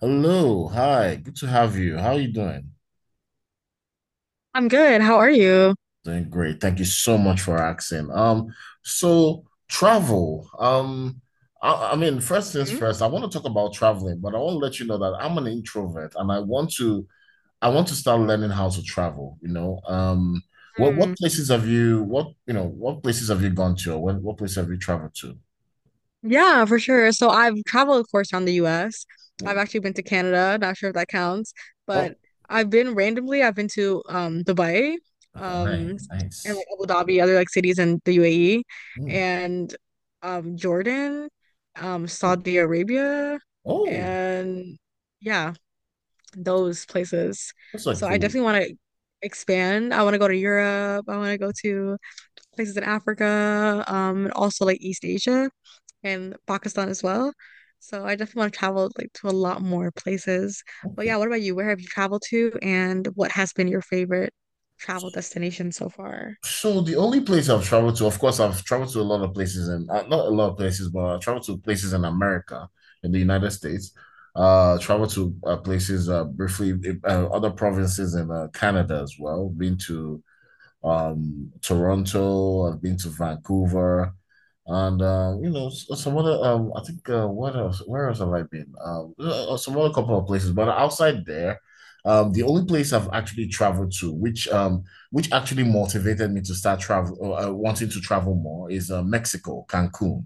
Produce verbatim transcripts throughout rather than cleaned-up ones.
Hello, hi, good to have you. How are you doing? I'm good. How are you? Doing great. Thank you so much for asking. Um, so travel. Um, I, I mean, first things Mhm. first, I want to talk about traveling, but I want to let you know that I'm an introvert and I want to I want to start learning how to travel, you know. Um, what Hmm. what places have you what you know, what places have you gone to or what, what place have you traveled to? Yeah, for sure. So I've traveled, of course, around the U S. I've Oh, actually been to Canada. Not sure if that counts, but oh, I've been randomly. I've been to um Dubai, um, hi, and nice. like Abu Dhabi, other like cities in the U A E, Hmm. and um Jordan, um Saudi Arabia, Oh, and yeah, those places. that's like So I cool. definitely want to expand. I want to go to Europe. I want to go to places in Africa, um, and also like East Asia and Pakistan as well. So I definitely want to travel like to a lot more places. But yeah, Okay. what about you? Where have you traveled to and what has been your favorite travel destination so far? So the only place I've traveled to, of course, I've traveled to a lot of places and uh, not a lot of places, but I traveled to places in America, in the United States. Uh, traveled to uh, places uh, briefly, uh, other provinces in uh, Canada as well. Been to um, Toronto. I've been to Vancouver, and um, you know s- some other. Um, I think uh, what else? Where else have I been? Um, uh, some other couple of places, but outside there, um, the only place I've actually traveled to, which um, which actually motivated me to start travel, uh, wanting to travel more, is uh, Mexico, Cancun.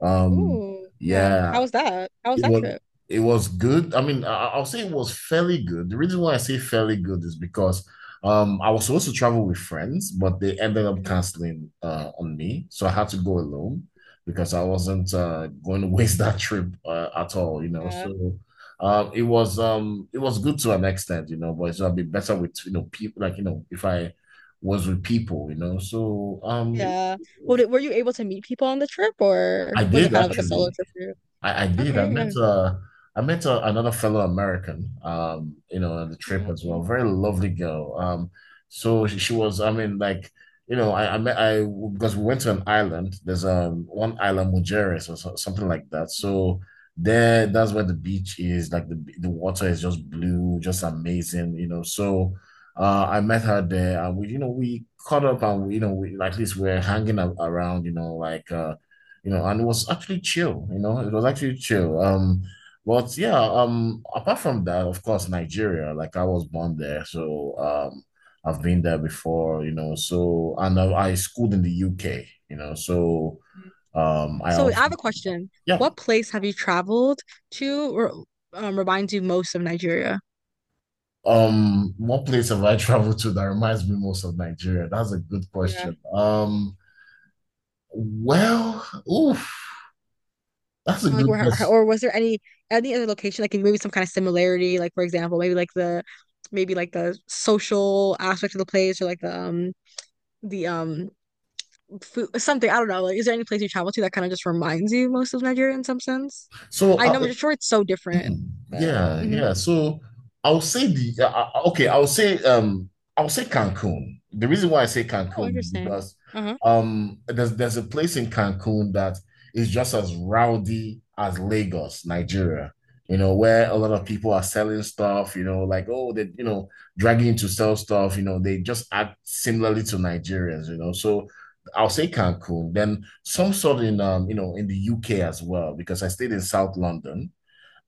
Um, Oh yeah. How yeah, was that? How was it that was trip? it was good. I mean, I, I'll say it was fairly good. The reason why I say fairly good is because um I was supposed to travel with friends, but they ended up Mhm. canceling uh on me, so I had to go alone because I wasn't uh going to waste that trip uh, at all, you know. Yeah. So um it was um it was good to an extent, you know, but it's gonna be better with you know people like you know if I was with people, you know. So um it Yeah. Well, was, did, were you able to meet people on the trip or I was it did kind of like a solo actually. trip for you? I, I did. I Okay, met uh I met uh, another fellow American um you know on the trip yeah. as well. Very lovely girl. Um so she, she was I mean like you know I I met I because we went to an island. There's um one island Mujeres or so, something like that. So there that's where the beach is like the the water is just blue, just amazing, you know. So uh I met her there and we you know we caught up and we, you know we at least we're hanging a- around, you know, like uh you know, and it was actually chill, you know, it was actually chill. Um, but yeah, um, apart from that, of course, Nigeria, like I was born there, so um, I've been there before, you know, so and I, I schooled in the U K, you know, so Mm. um, I So I also, have a question. yeah, What place have you traveled to or um, reminds you most of Nigeria? um, what place have I traveled to that reminds me most of Nigeria? That's a good Yeah. question. Um, well, oof, that's a Or like good where question. or was there any any other location like maybe some kind of similarity, like for example maybe like the maybe like the social aspect of the place, or like the um the um food, something, I don't know, like is there any place you travel to that kind of just reminds you most of Nigeria in some sense? So I uh, know I'm sure it's so different, mm, but yeah, Mhm. yeah. So I'll say the uh, uh, okay. I'll say um I'll say Cancun. The reason why I say Oh, Cancun is interesting. because Uh-huh. um there's there's a place in Cancun that is just as rowdy as Lagos, Nigeria. You know, where a lot of Mm. people are selling stuff. You know, like oh they you know dragging to sell stuff. You know, they just act similarly to Nigerians. You know, so. I'll say Cancun, then some sort in um, you know, in the U K as well, because I stayed in South London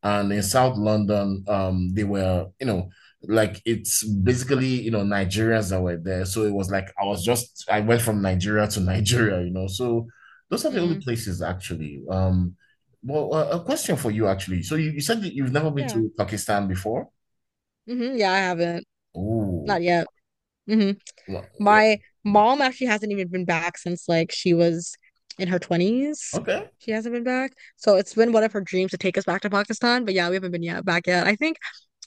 and in South London, um, they were, you know, like it's basically, you know, Nigerians that were there. So it was like I was just I went from Nigeria to Nigeria, you know. So those are the only Mm. places actually. Um, well, uh, a question for you actually. So you, you said that you've never been Yeah. to Pakistan before. hmm Yeah, I haven't. Oh, Not yet. Mhm. well, yeah. My mom actually hasn't even been back since like she was in her twenties. Okay. She hasn't been back. So it's been one of her dreams to take us back to Pakistan, but yeah, we haven't been yet back yet. I think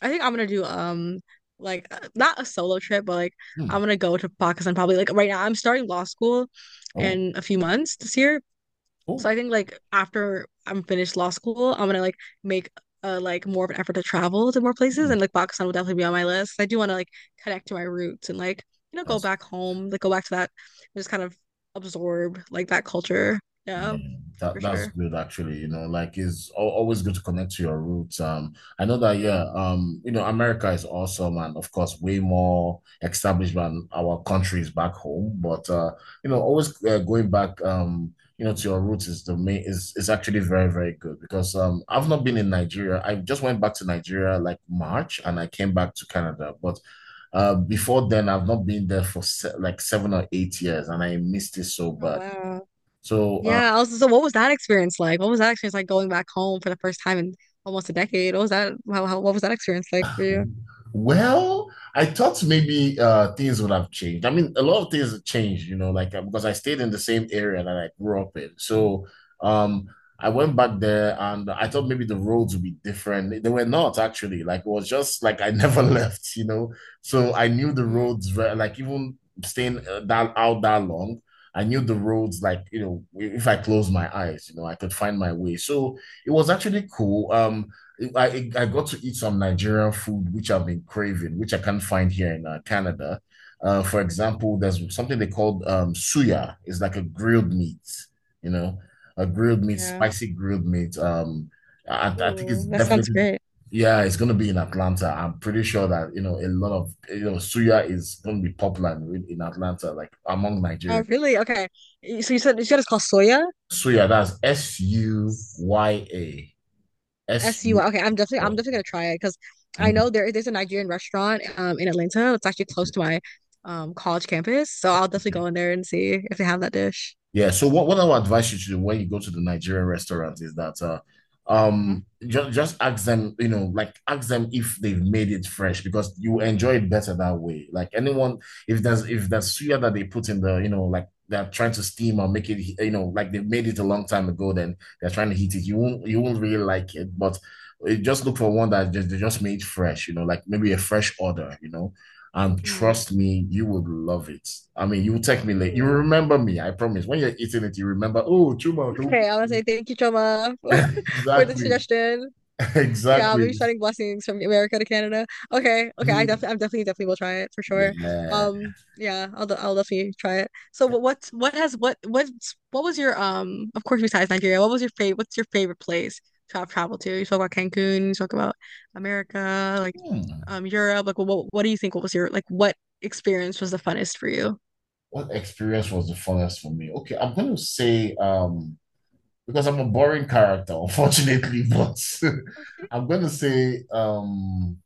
I think I'm gonna do um like uh, not a solo trip, but like I'm Hmm. gonna go to Pakistan probably. Like right now, I'm starting law school Oh, in a few months this year, so oh, I think like after I'm finished law school, I'm gonna like make uh like more of an effort to travel to more places, hmm. and like Pakistan will definitely be on my list. I do want to like connect to my roots and like you know go That's back home, like go back to that, just kind of absorb like that culture. Yeah, Yeah, that for that's sure. good actually. You know, like it's al- always good to connect to your roots. Um, I know that Yeah. yeah. Um, you know, America is awesome and of course way more established than our countries back home. But uh, you Mm. know, always uh, going back um, you know, to your roots is the main is is actually very very good because um, I've not been in Nigeria. I just went back to Nigeria like March and I came back to Canada, but. Uh, before then, I've not been there for se like seven or eight years, and I missed it so Oh bad. wow. So uh, Yeah, also so what was that experience like? What was that experience like going back home for the first time in almost a decade? What was that how, how what was that experience like for you? well, I thought maybe uh, things would have changed. I mean, a lot of things have changed, you know, like uh, because I stayed in the same area that I grew up in. So um, I went back there and I thought maybe the roads would be different. They were not actually. Like it was just like I never left, you know. So I knew the Mm, roads were like even staying uh, that out that long. I knew the roads, like, you know, if I closed my eyes, you know, I could find my way. So it was actually cool. Um, I, I got to eat some Nigerian food, which I've been craving, which I can't find here in uh, Canada. Uh, for example, there's something they called um, suya. It's like a grilled meat, you know, a grilled meat, Yeah. spicy grilled meat. Um, I, I think it's Ooh, that sounds definitely, great. yeah, it's going to be in Atlanta. I'm pretty sure that, you know, a lot of, you know, suya is going to be popular in, in Atlanta, like among Oh, Nigerians. really? Okay. Y- So you said you said it's called soya? Suya, that's S U Y A. S S U Y. Okay, I'm definitely I'm definitely gonna try it because I U. know there there's a Nigerian restaurant um in Atlanta. It's actually close to my um college campus. So I'll definitely go in there and see if they have that dish. Yeah. So what, what I would advise you to do when you go to the Nigerian restaurant is that uh, Mhm. um just just ask them, you know, like ask them if they've made it fresh because you enjoy it better that way. Like anyone, if there's if there's suya that they put in the, you know, like they're trying to steam or make it, you know, like they made it a long time ago, then they're trying to heat it. You won't you won't really like it, but eh, just look for one that just they just made fresh, you know, like maybe a fresh order, you know. And Mm. trust me, you would love it. I mean, you will text me late. You Mm. remember me, I promise. When you're eating it, you remember, oh, Chuma. Do Okay, I want to say thank you, Choma, for, for the Exactly. suggestion. Yeah, I'll be Exactly. sending blessings from America to Canada. Okay, okay, I definitely, I'm definitely, definitely will try it for sure. Yeah. Um, yeah, I'll, de- I'll definitely try it. So, what, what, what has, what, what, what was your, um, of course, besides Nigeria, what was your favorite, what's your favorite place to have traveled to? You talk about Cancun, you talk about America, like, Hmm. um, Europe. Like, what, what do you think? What was your, like, what experience was the funnest for you? What experience was the funnest for me? Okay, I'm gonna say um because I'm a boring character, unfortunately, but Okay. I'm gonna say um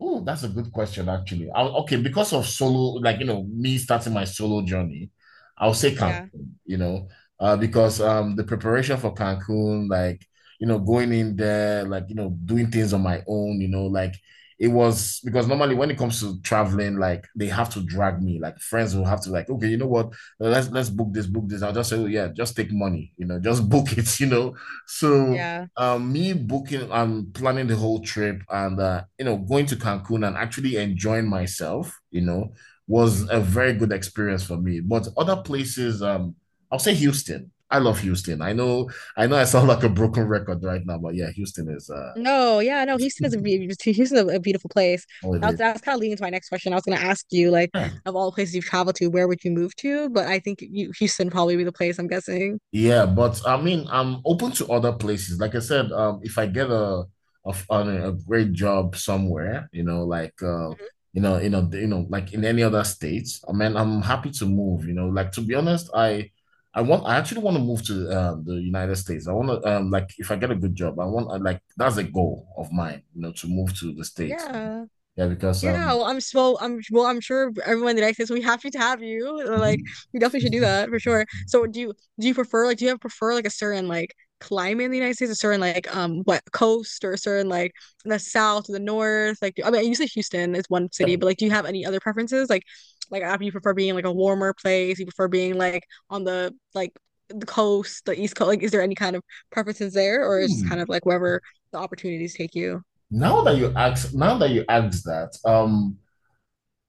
oh, that's a good question, actually. I, okay, because of solo, like you know, me starting my solo journey, I'll say Cancun, Yeah, you know, uh, because um the preparation for Cancun, like you know, going in there, like you know, doing things on my own, you know, like it was because normally when it comes to traveling, like they have to drag me, like friends will have to like, okay, you know what, let's let's book this, book this. I'll just say, oh yeah, just take money, you know, just book it, you know. So yeah. um, me booking and planning the whole trip and uh, you know going to Cancun and actually enjoying myself, you know, was Mhm. a very good experience for me. But other places, um, I'll say Houston. I love Houston. I know, I know, I sound like a broken record right now, but yeah, Houston is uh, No, yeah, no, Houston is a be- Houston's a, a beautiful place. That was, holiday. that was kind of leading to my next question. I was going to ask you, like, of all the places you've traveled to, where would you move to? But I think you, Houston probably be the place, I'm guessing. Yeah, but I mean, I'm open to other places. Like I said, um, if I get a a, an- a great job somewhere, you know, like uh, Mhm. you know, you know, you know, like in any other states, I mean, I'm happy to move. You know, like to be honest, I I want I actually want to move to um, the United States. I want to um, like if I get a good job, I want I, like that's a goal of mine. You know, to move to the states. Yeah. Yeah, because Yeah, um, well, I'm s- well, I'm well, I'm sure everyone in the United States will be happy to have you. Uh, Like, mhm. you definitely should do that for sure. So, do you do you prefer like do you have prefer like a certain like climate in the United States, a certain like um what coast, or a certain like the south or the north? Like, do- I mean, you say Houston is one city, Yeah. but like, do you have any other preferences? Like, like after you prefer being like a warmer place, you prefer being like on the like the coast, the East Coast. Like, is there any kind of preferences there, or is just kind Hmm. of like wherever the opportunities take you? Now that you ask, now that you ask that, um.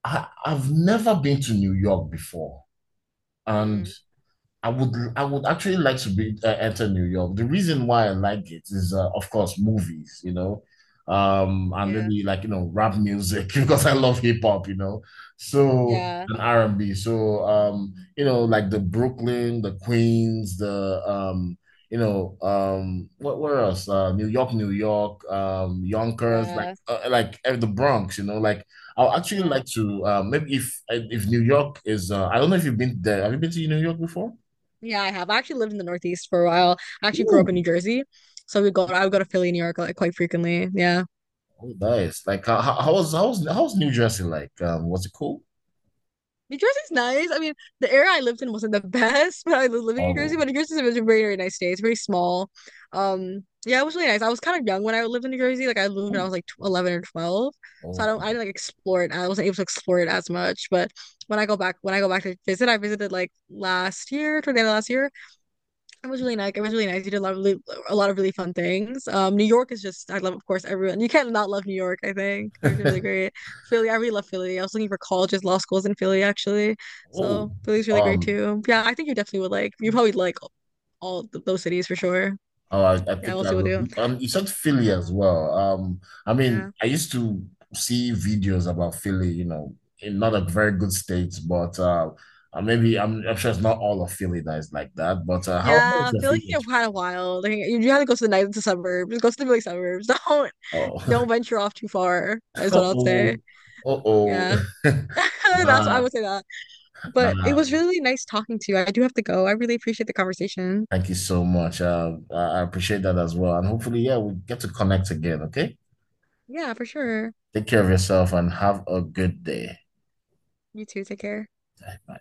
I, I've never been to New York before, and Mm, I would I would actually like to be uh, enter New York. The reason why I like it is, uh, of course, movies, you know, um, and yeah, maybe like you know rap music because I love hip hop, you know, so yeah, and R and B. So um, you know, like the Brooklyn, the Queens, the um, you know, um, what where else? Uh, New York, New York, um, Yonkers, like yeah. uh, like uh, the Bronx, you know, like. I'll actually Yeah. like to uh, maybe if if New York is uh, I don't know if you've been there. Have you been to New York before? Yeah, I have. I actually lived in the Northeast for a while. I actually grew up Ooh, in New Jersey. So we go I would go to Philly, New York like quite frequently. Yeah. oh, nice. Like how, how how was how was how was New Jersey like? Um, was it cool? New Jersey's nice. I mean, the area I lived in wasn't the best, but I was living in New Jersey. Oh, But New Jersey's a very, very nice state. It's very small. Um, yeah, it was really nice. I was kind of young when I lived in New Jersey. Like I lived when I ooh, was like tw eleven or twelve. So I oh, don't I didn't like explore it. I wasn't able to explore it as much. But when I go back when I go back to visit, I visited like last year, toward the end of last year. It was really nice. It was really nice. You did a lot of really, a lot of really fun things. Um, New York is just I love, of course, everyone. You can't not love New York, I think. New York is really great. Philly, I really love Philly. I was looking for colleges, law schools in Philly actually. oh. So Philly's really great Um, too. Yeah, I think you definitely would like. You probably like all th those cities for sure. oh, I, I Yeah, think we'll I see what we will. do. Um, you said Philly Yeah, as well. Um, I mean, yeah, I used to see videos about Philly. You know, in not a very good state, but uh, uh, maybe I'm I'm sure it's not all of Philly that is like that. But uh, how how is yeah. your Philly Philly? is kind of wild. Like, you, you have to go to the night to suburbs. Just go to the Philly suburbs. Don't don't Oh, venture off too far. Is what I'll say. oh, oh, oh. Yeah, that's what I Nah, would say. That. But it nah. was really nice talking to you. I do have to go. I really appreciate the conversation. Thank you so much. Uh, I I appreciate that as well. And hopefully, yeah, we get to connect again. Okay. Yeah, for sure. Take care of yourself and have a good day. You too. Take care. Bye.